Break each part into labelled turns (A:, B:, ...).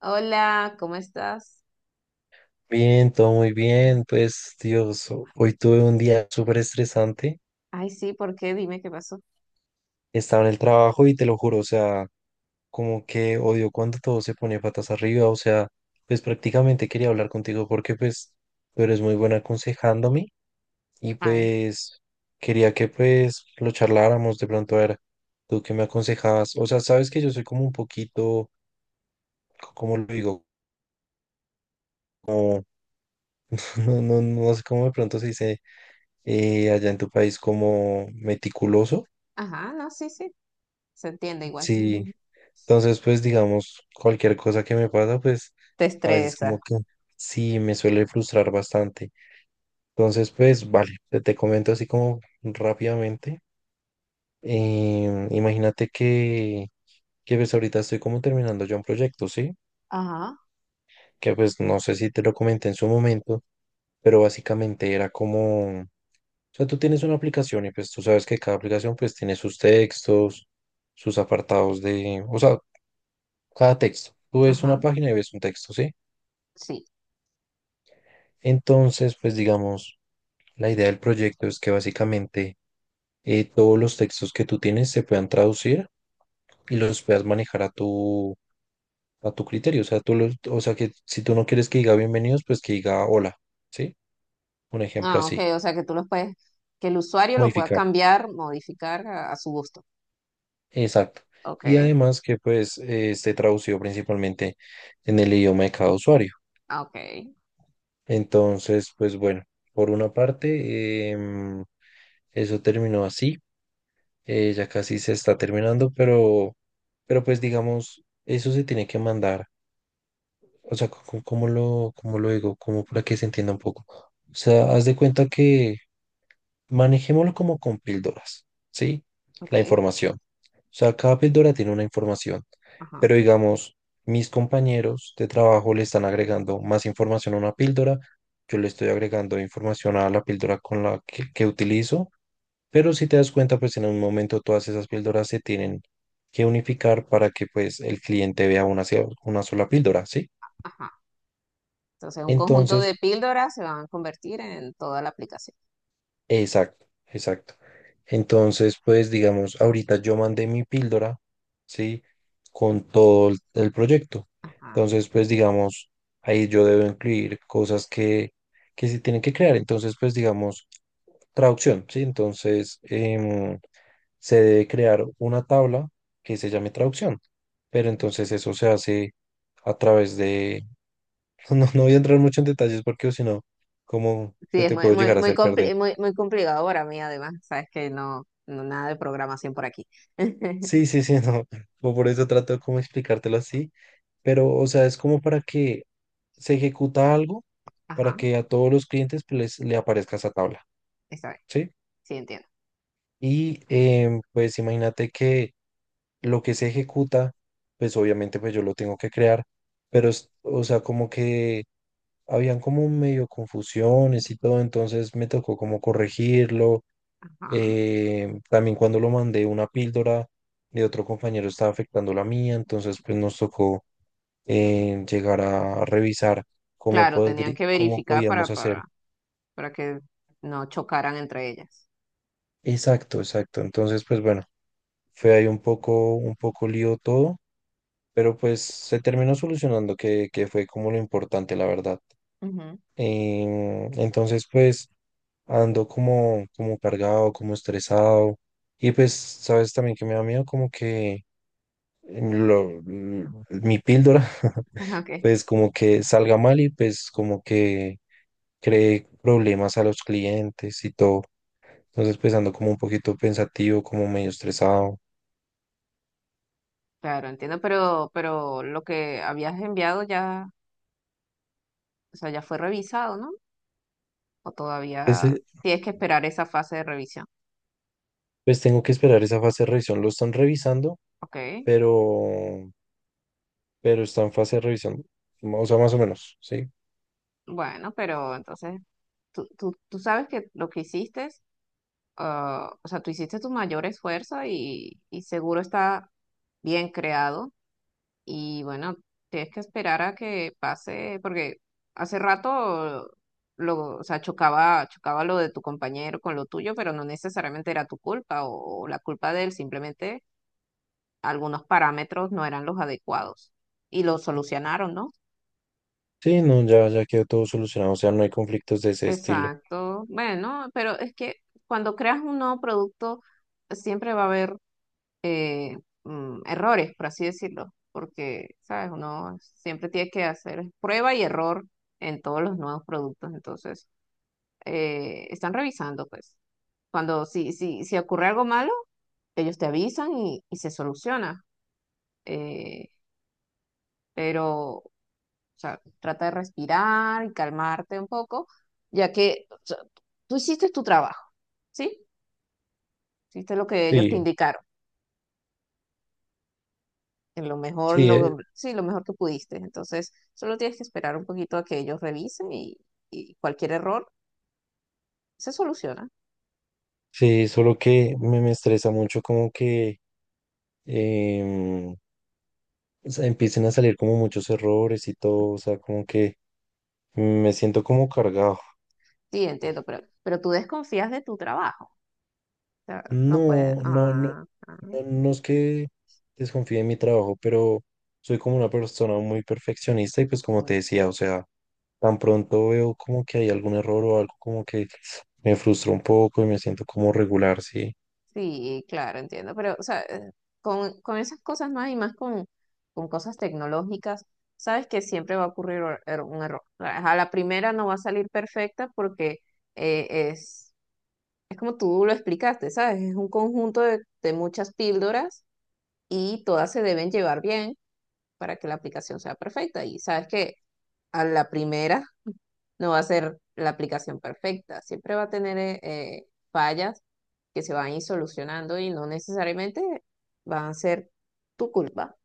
A: Hola, ¿cómo estás?
B: Bien, todo muy bien. Pues, Dios, hoy tuve un día súper estresante.
A: Ay, sí, ¿por qué? Dime qué pasó.
B: Estaba en el trabajo y te lo juro, o sea, como que odio cuando todo se pone patas arriba. O sea, pues prácticamente quería hablar contigo porque pues tú eres muy buena aconsejándome y
A: Ay,
B: pues quería que pues lo charláramos de pronto a ver tú qué me aconsejabas. O sea, sabes que yo soy como un poquito, ¿cómo lo digo? Como, no, no, no sé cómo de pronto se dice allá en tu país como meticuloso.
A: ajá, no, sí, sí, se entiende igual.
B: Sí, entonces pues digamos, cualquier cosa que me pasa, pues
A: Te
B: a veces como
A: estresa.
B: que sí me suele frustrar bastante. Entonces pues vale, te comento así como rápidamente. Imagínate que pues ahorita estoy como terminando ya un proyecto, ¿sí?
A: Ajá,
B: Que pues no sé si te lo comenté en su momento, pero básicamente era como, o sea, tú tienes una aplicación y pues tú sabes que cada aplicación pues tiene sus textos, sus apartados de, o sea, cada texto. Tú ves una
A: ajá,
B: página y ves un texto, ¿sí?
A: sí.
B: Entonces, pues digamos, la idea del proyecto es que básicamente todos los textos que tú tienes se puedan traducir y los puedas manejar a tu criterio. O sea, o sea, que si tú no quieres que diga bienvenidos, pues que diga hola, ¿sí? Un ejemplo
A: Ah, ok,
B: así,
A: o sea que tú los puedes, que el usuario lo pueda
B: modificar.
A: cambiar, modificar a su gusto.
B: Exacto.
A: Ok,
B: Y además que pues esté traducido principalmente en el idioma de cada usuario.
A: ah, ok,
B: Entonces, pues bueno, por una parte, eso terminó así. Ya casi se está terminando, pero pues digamos, eso se tiene que mandar. O sea, ¿cómo, cómo lo digo? Como para que se entienda un poco. O sea, haz de cuenta que manejémoslo como con píldoras, ¿sí?
A: ok,
B: La información. O sea, cada píldora tiene una información,
A: ajá,
B: pero digamos, mis compañeros de trabajo le están agregando más información a una píldora, yo le estoy agregando información a la píldora con la que utilizo, pero si te das cuenta, pues en un momento todas esas píldoras se tienen que unificar para que pues el cliente vea una, una sola píldora, ¿sí?
A: ajá. Entonces, un conjunto
B: Entonces,
A: de píldoras se van a convertir en toda la aplicación.
B: exacto, exacto. Entonces, pues digamos, ahorita yo mandé mi píldora, ¿sí? Con todo el proyecto.
A: Ajá.
B: Entonces, pues digamos, ahí yo debo incluir cosas que se tienen que crear. Entonces, pues digamos, traducción, ¿sí? Entonces, se debe crear una tabla que se llame traducción. Pero entonces eso se hace a través de... No, no voy a entrar mucho en detalles porque o si no, ¿cómo
A: Sí, es
B: te
A: muy,
B: puedo
A: muy,
B: llegar a
A: muy,
B: hacer perder?
A: muy, muy complicado para mí, además. Sabes que no, no nada de programación por aquí.
B: Sí, sí, sí, no. o Por eso trato de como explicártelo así. Pero, o sea, es como para que se ejecuta algo para
A: Ajá,
B: que a todos los clientes pues, le aparezca esa tabla, ¿sí?
A: sí, entiendo.
B: Y pues imagínate que lo que se ejecuta, pues obviamente pues yo lo tengo que crear, pero o sea, como que habían como medio confusiones y todo, entonces me tocó como corregirlo.
A: Ajá.
B: También cuando lo mandé una píldora de otro compañero estaba afectando la mía, entonces pues nos tocó llegar a revisar
A: Claro, tenían que
B: cómo
A: verificar
B: podíamos hacer.
A: para que no chocaran entre ellas.
B: Exacto, exacto. Entonces pues bueno, fue ahí un poco lío todo, pero pues se terminó solucionando, que fue como lo importante, la verdad.
A: Ujú.
B: Entonces, pues ando como, como cargado, como estresado. Y pues, sabes también que me da miedo como que mi píldora,
A: Ok,
B: pues como que salga mal y pues como que cree problemas a los clientes y todo. Entonces, pues ando como un poquito pensativo, como medio estresado.
A: claro, entiendo, pero lo que habías enviado ya, o sea, ya fue revisado, ¿no? O todavía
B: Pues,
A: tienes que esperar esa fase de revisión.
B: pues tengo que esperar esa fase de revisión. Lo están revisando,
A: Ok,
B: pero, pero está en fase de revisión, o sea, más o menos, ¿sí?
A: bueno, pero entonces tú sabes que lo que hiciste, ah, o sea, tú hiciste tu mayor esfuerzo y seguro está bien creado. Y bueno, tienes que esperar a que pase, porque hace rato lo, o sea, chocaba, chocaba lo de tu compañero con lo tuyo, pero no necesariamente era tu culpa o la culpa de él, simplemente algunos parámetros no eran los adecuados y lo solucionaron, ¿no?
B: Sí, no, ya, ya quedó todo solucionado, o sea, no hay conflictos de ese estilo.
A: Exacto. Bueno, pero es que cuando creas un nuevo producto, siempre va a haber eh, errores, por así decirlo, porque, ¿sabes? Uno siempre tiene que hacer prueba y error en todos los nuevos productos, entonces están revisando, pues. Cuando si ocurre algo malo, ellos te avisan y se soluciona, eh, pero, o sea, trata de respirar y calmarte un poco, ya que o sea, tú hiciste tu trabajo, ¿sí? Hiciste lo que ellos te
B: Sí,
A: indicaron en lo mejor,
B: sí,
A: lo, sí, lo mejor que pudiste. Entonces, solo tienes que esperar un poquito a que ellos revisen y cualquier error se soluciona.
B: sí, solo que me estresa mucho como que em, o sea, empiecen a salir como muchos errores y todo, o sea, como que me siento como cargado.
A: Sí, entiendo, pero tú desconfías de tu trabajo. O sea, no puedes.
B: No, no, no,
A: Ah, ah,
B: no, no es que desconfíe en mi trabajo, pero soy como una persona muy perfeccionista y pues como
A: mm,
B: te decía, o sea, tan pronto veo como que hay algún error o algo como que me frustro un poco y me siento como regular, sí.
A: sí, claro, entiendo. Pero, o sea, con esas cosas más y más con cosas tecnológicas, sabes que siempre va a ocurrir un error. A la primera no va a salir perfecta porque es. Es como tú lo explicaste, ¿sabes? Es un conjunto de muchas píldoras y todas se deben llevar bien para que la aplicación sea perfecta. Y sabes que a la primera no va a ser la aplicación perfecta, siempre va a tener fallas que se van a ir solucionando y no necesariamente van a ser tu culpa,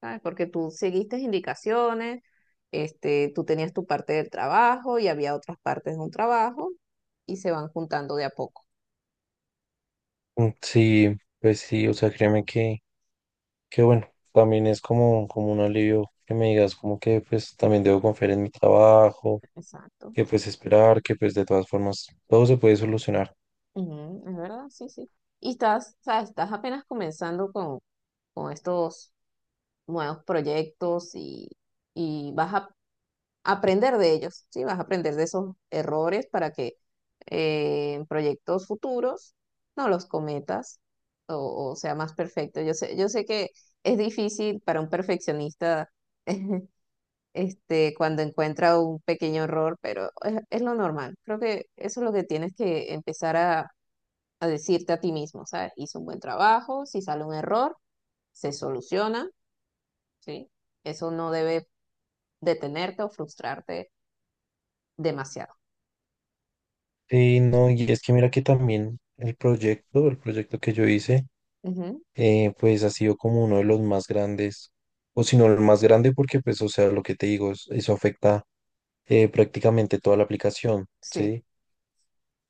A: ¿sabes? Porque tú seguiste indicaciones, este, tú tenías tu parte del trabajo y había otras partes de un trabajo y se van juntando de a poco.
B: Mm, sí, pues sí, o sea, créeme que bueno, también es como, como un alivio que me digas como que pues también debo confiar en mi trabajo,
A: Exacto.
B: que pues esperar, que pues de todas formas todo se puede solucionar.
A: Ujú, es verdad, sí, sí. Y estás, sabes estás apenas comenzando con estos nuevos proyectos y vas a aprender de ellos, sí, vas a aprender de esos errores para que en proyectos futuros no los cometas o sea más perfecto. Yo sé que es difícil para un perfeccionista este, cuando encuentra un pequeño error, pero es lo normal. Creo que eso es lo que tienes que empezar a decirte a ti mismo, ¿sabes? Hice un buen trabajo, si sale un error, se soluciona, ¿sí? Eso no debe detenerte o frustrarte demasiado.
B: Sí, no, y es que mira que también el proyecto que yo hice,
A: Ujú,
B: pues ha sido como uno de los más grandes, o si no el más grande porque pues, o sea, lo que te digo, eso afecta prácticamente toda la aplicación,
A: sí,
B: ¿sí?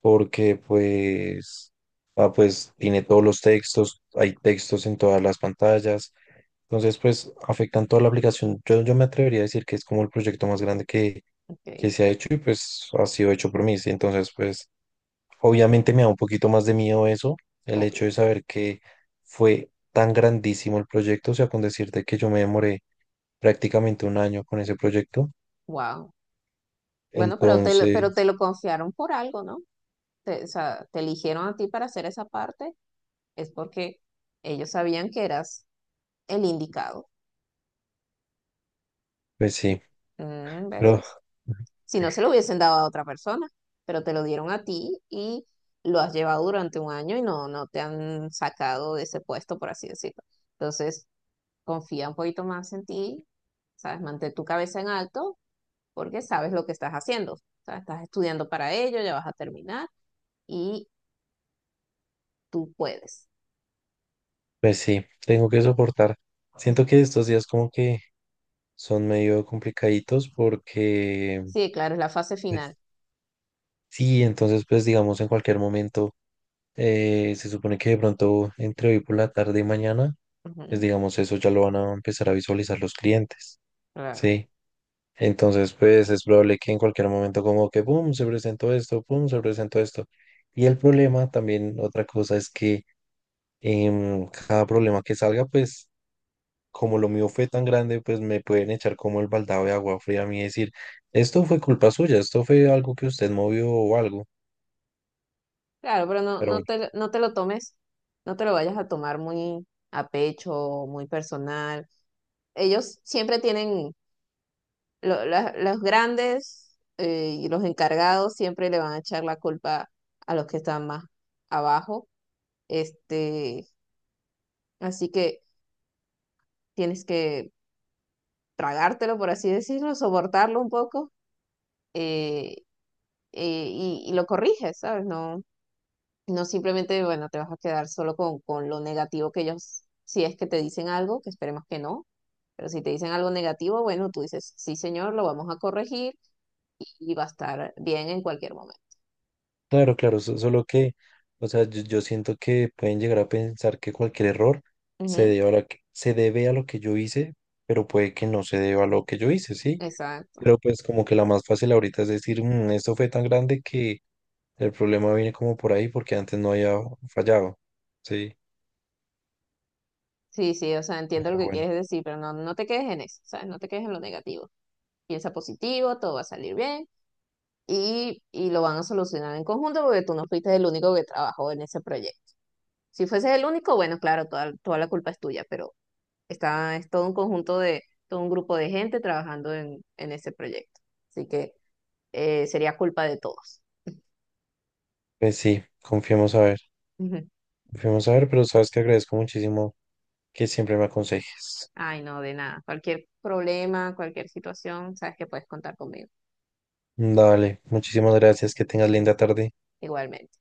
B: Porque pues, ah, pues tiene todos los textos, hay textos en todas las pantallas, entonces pues afectan toda la aplicación. Yo me atrevería a decir que es como el proyecto más grande que
A: ok,
B: se ha hecho y pues ha sido hecho por mí, ¿sí? Entonces pues obviamente me da un poquito más de miedo eso, el hecho
A: obvio.
B: de saber que fue tan grandísimo el proyecto, o sea, con decirte que yo me demoré prácticamente un año con ese proyecto,
A: Wow. Bueno, pero te, pero te
B: entonces
A: lo confiaron por algo, ¿no? Te, o sea, te eligieron a ti para hacer esa parte, es porque ellos sabían que eras el indicado.
B: pues sí,
A: Mm,
B: pero...
A: ¿ves? Si no, se lo hubiesen dado a otra persona, pero te lo dieron a ti y lo has llevado durante un año y no, no te han sacado de ese puesto, por así decirlo. Entonces, confía un poquito más en ti, ¿sabes? Mantén tu cabeza en alto porque sabes lo que estás haciendo. O sea, estás estudiando para ello, ya vas a terminar y tú puedes.
B: Pues sí, tengo que soportar. Siento que estos días como que son medio complicaditos porque,
A: Sí, claro, es la fase
B: pues,
A: final.
B: sí, entonces pues digamos en cualquier momento, se supone que de pronto entre hoy por la tarde y mañana, pues
A: Ujú,
B: digamos eso ya lo van a empezar a visualizar los clientes,
A: claro.
B: ¿sí? Entonces pues es probable que en cualquier momento como que, ¡pum!, se presentó esto, ¡pum!, se presentó esto. Y el problema también, otra cosa es que cada problema que salga, pues... como lo mío fue tan grande, pues me pueden echar como el baldado de agua fría a mí y decir, esto fue culpa suya, esto fue algo que usted movió o algo.
A: Claro, pero no,
B: Pero
A: no
B: bueno,
A: te, no te lo tomes, no te lo vayas a tomar muy a pecho, muy personal. Ellos siempre tienen los grandes y los encargados siempre le van a echar la culpa a los que están más abajo. Este, así que tienes que tragártelo, por así decirlo, soportarlo un poco eh, y lo corriges, ¿sabes? No, no simplemente, bueno, te vas a quedar solo con lo negativo que ellos, si es que te dicen algo, que esperemos que no. Pero si te dicen algo negativo, bueno, tú dices, sí, señor, lo vamos a corregir y va a estar bien en cualquier momento.
B: claro, claro, solo que, o sea, yo siento que pueden llegar a pensar que cualquier error se
A: Ujú.
B: debe a lo que, se debe a lo que yo hice, pero puede que no se deba a lo que yo hice, ¿sí?
A: Exacto.
B: Pero pues como que la más fácil ahorita es decir, "Mm, esto fue tan grande que el problema viene como por ahí porque antes no había fallado, ¿sí?
A: Sí, sí, o sea, entiendo lo
B: Pero
A: que
B: bueno,
A: quieres decir, pero no, no te quedes en eso, ¿sabes? No te quedes en lo negativo. Piensa positivo, todo va a salir bien y lo van a solucionar en conjunto porque tú no fuiste el único que trabajó en ese proyecto. Si fueses el único, bueno, claro, toda, toda la culpa es tuya, pero está, es todo un conjunto de, todo un grupo de gente trabajando en ese proyecto. Así que sería culpa de todos.
B: pues sí, confiemos a ver.
A: Ujú.
B: Fuimos a ver, pero sabes que agradezco muchísimo que siempre me aconsejes.
A: Ay, no, de nada. Cualquier problema, cualquier situación, sabes que puedes contar conmigo,
B: Dale, muchísimas gracias, que tengas linda tarde.
A: igualmente.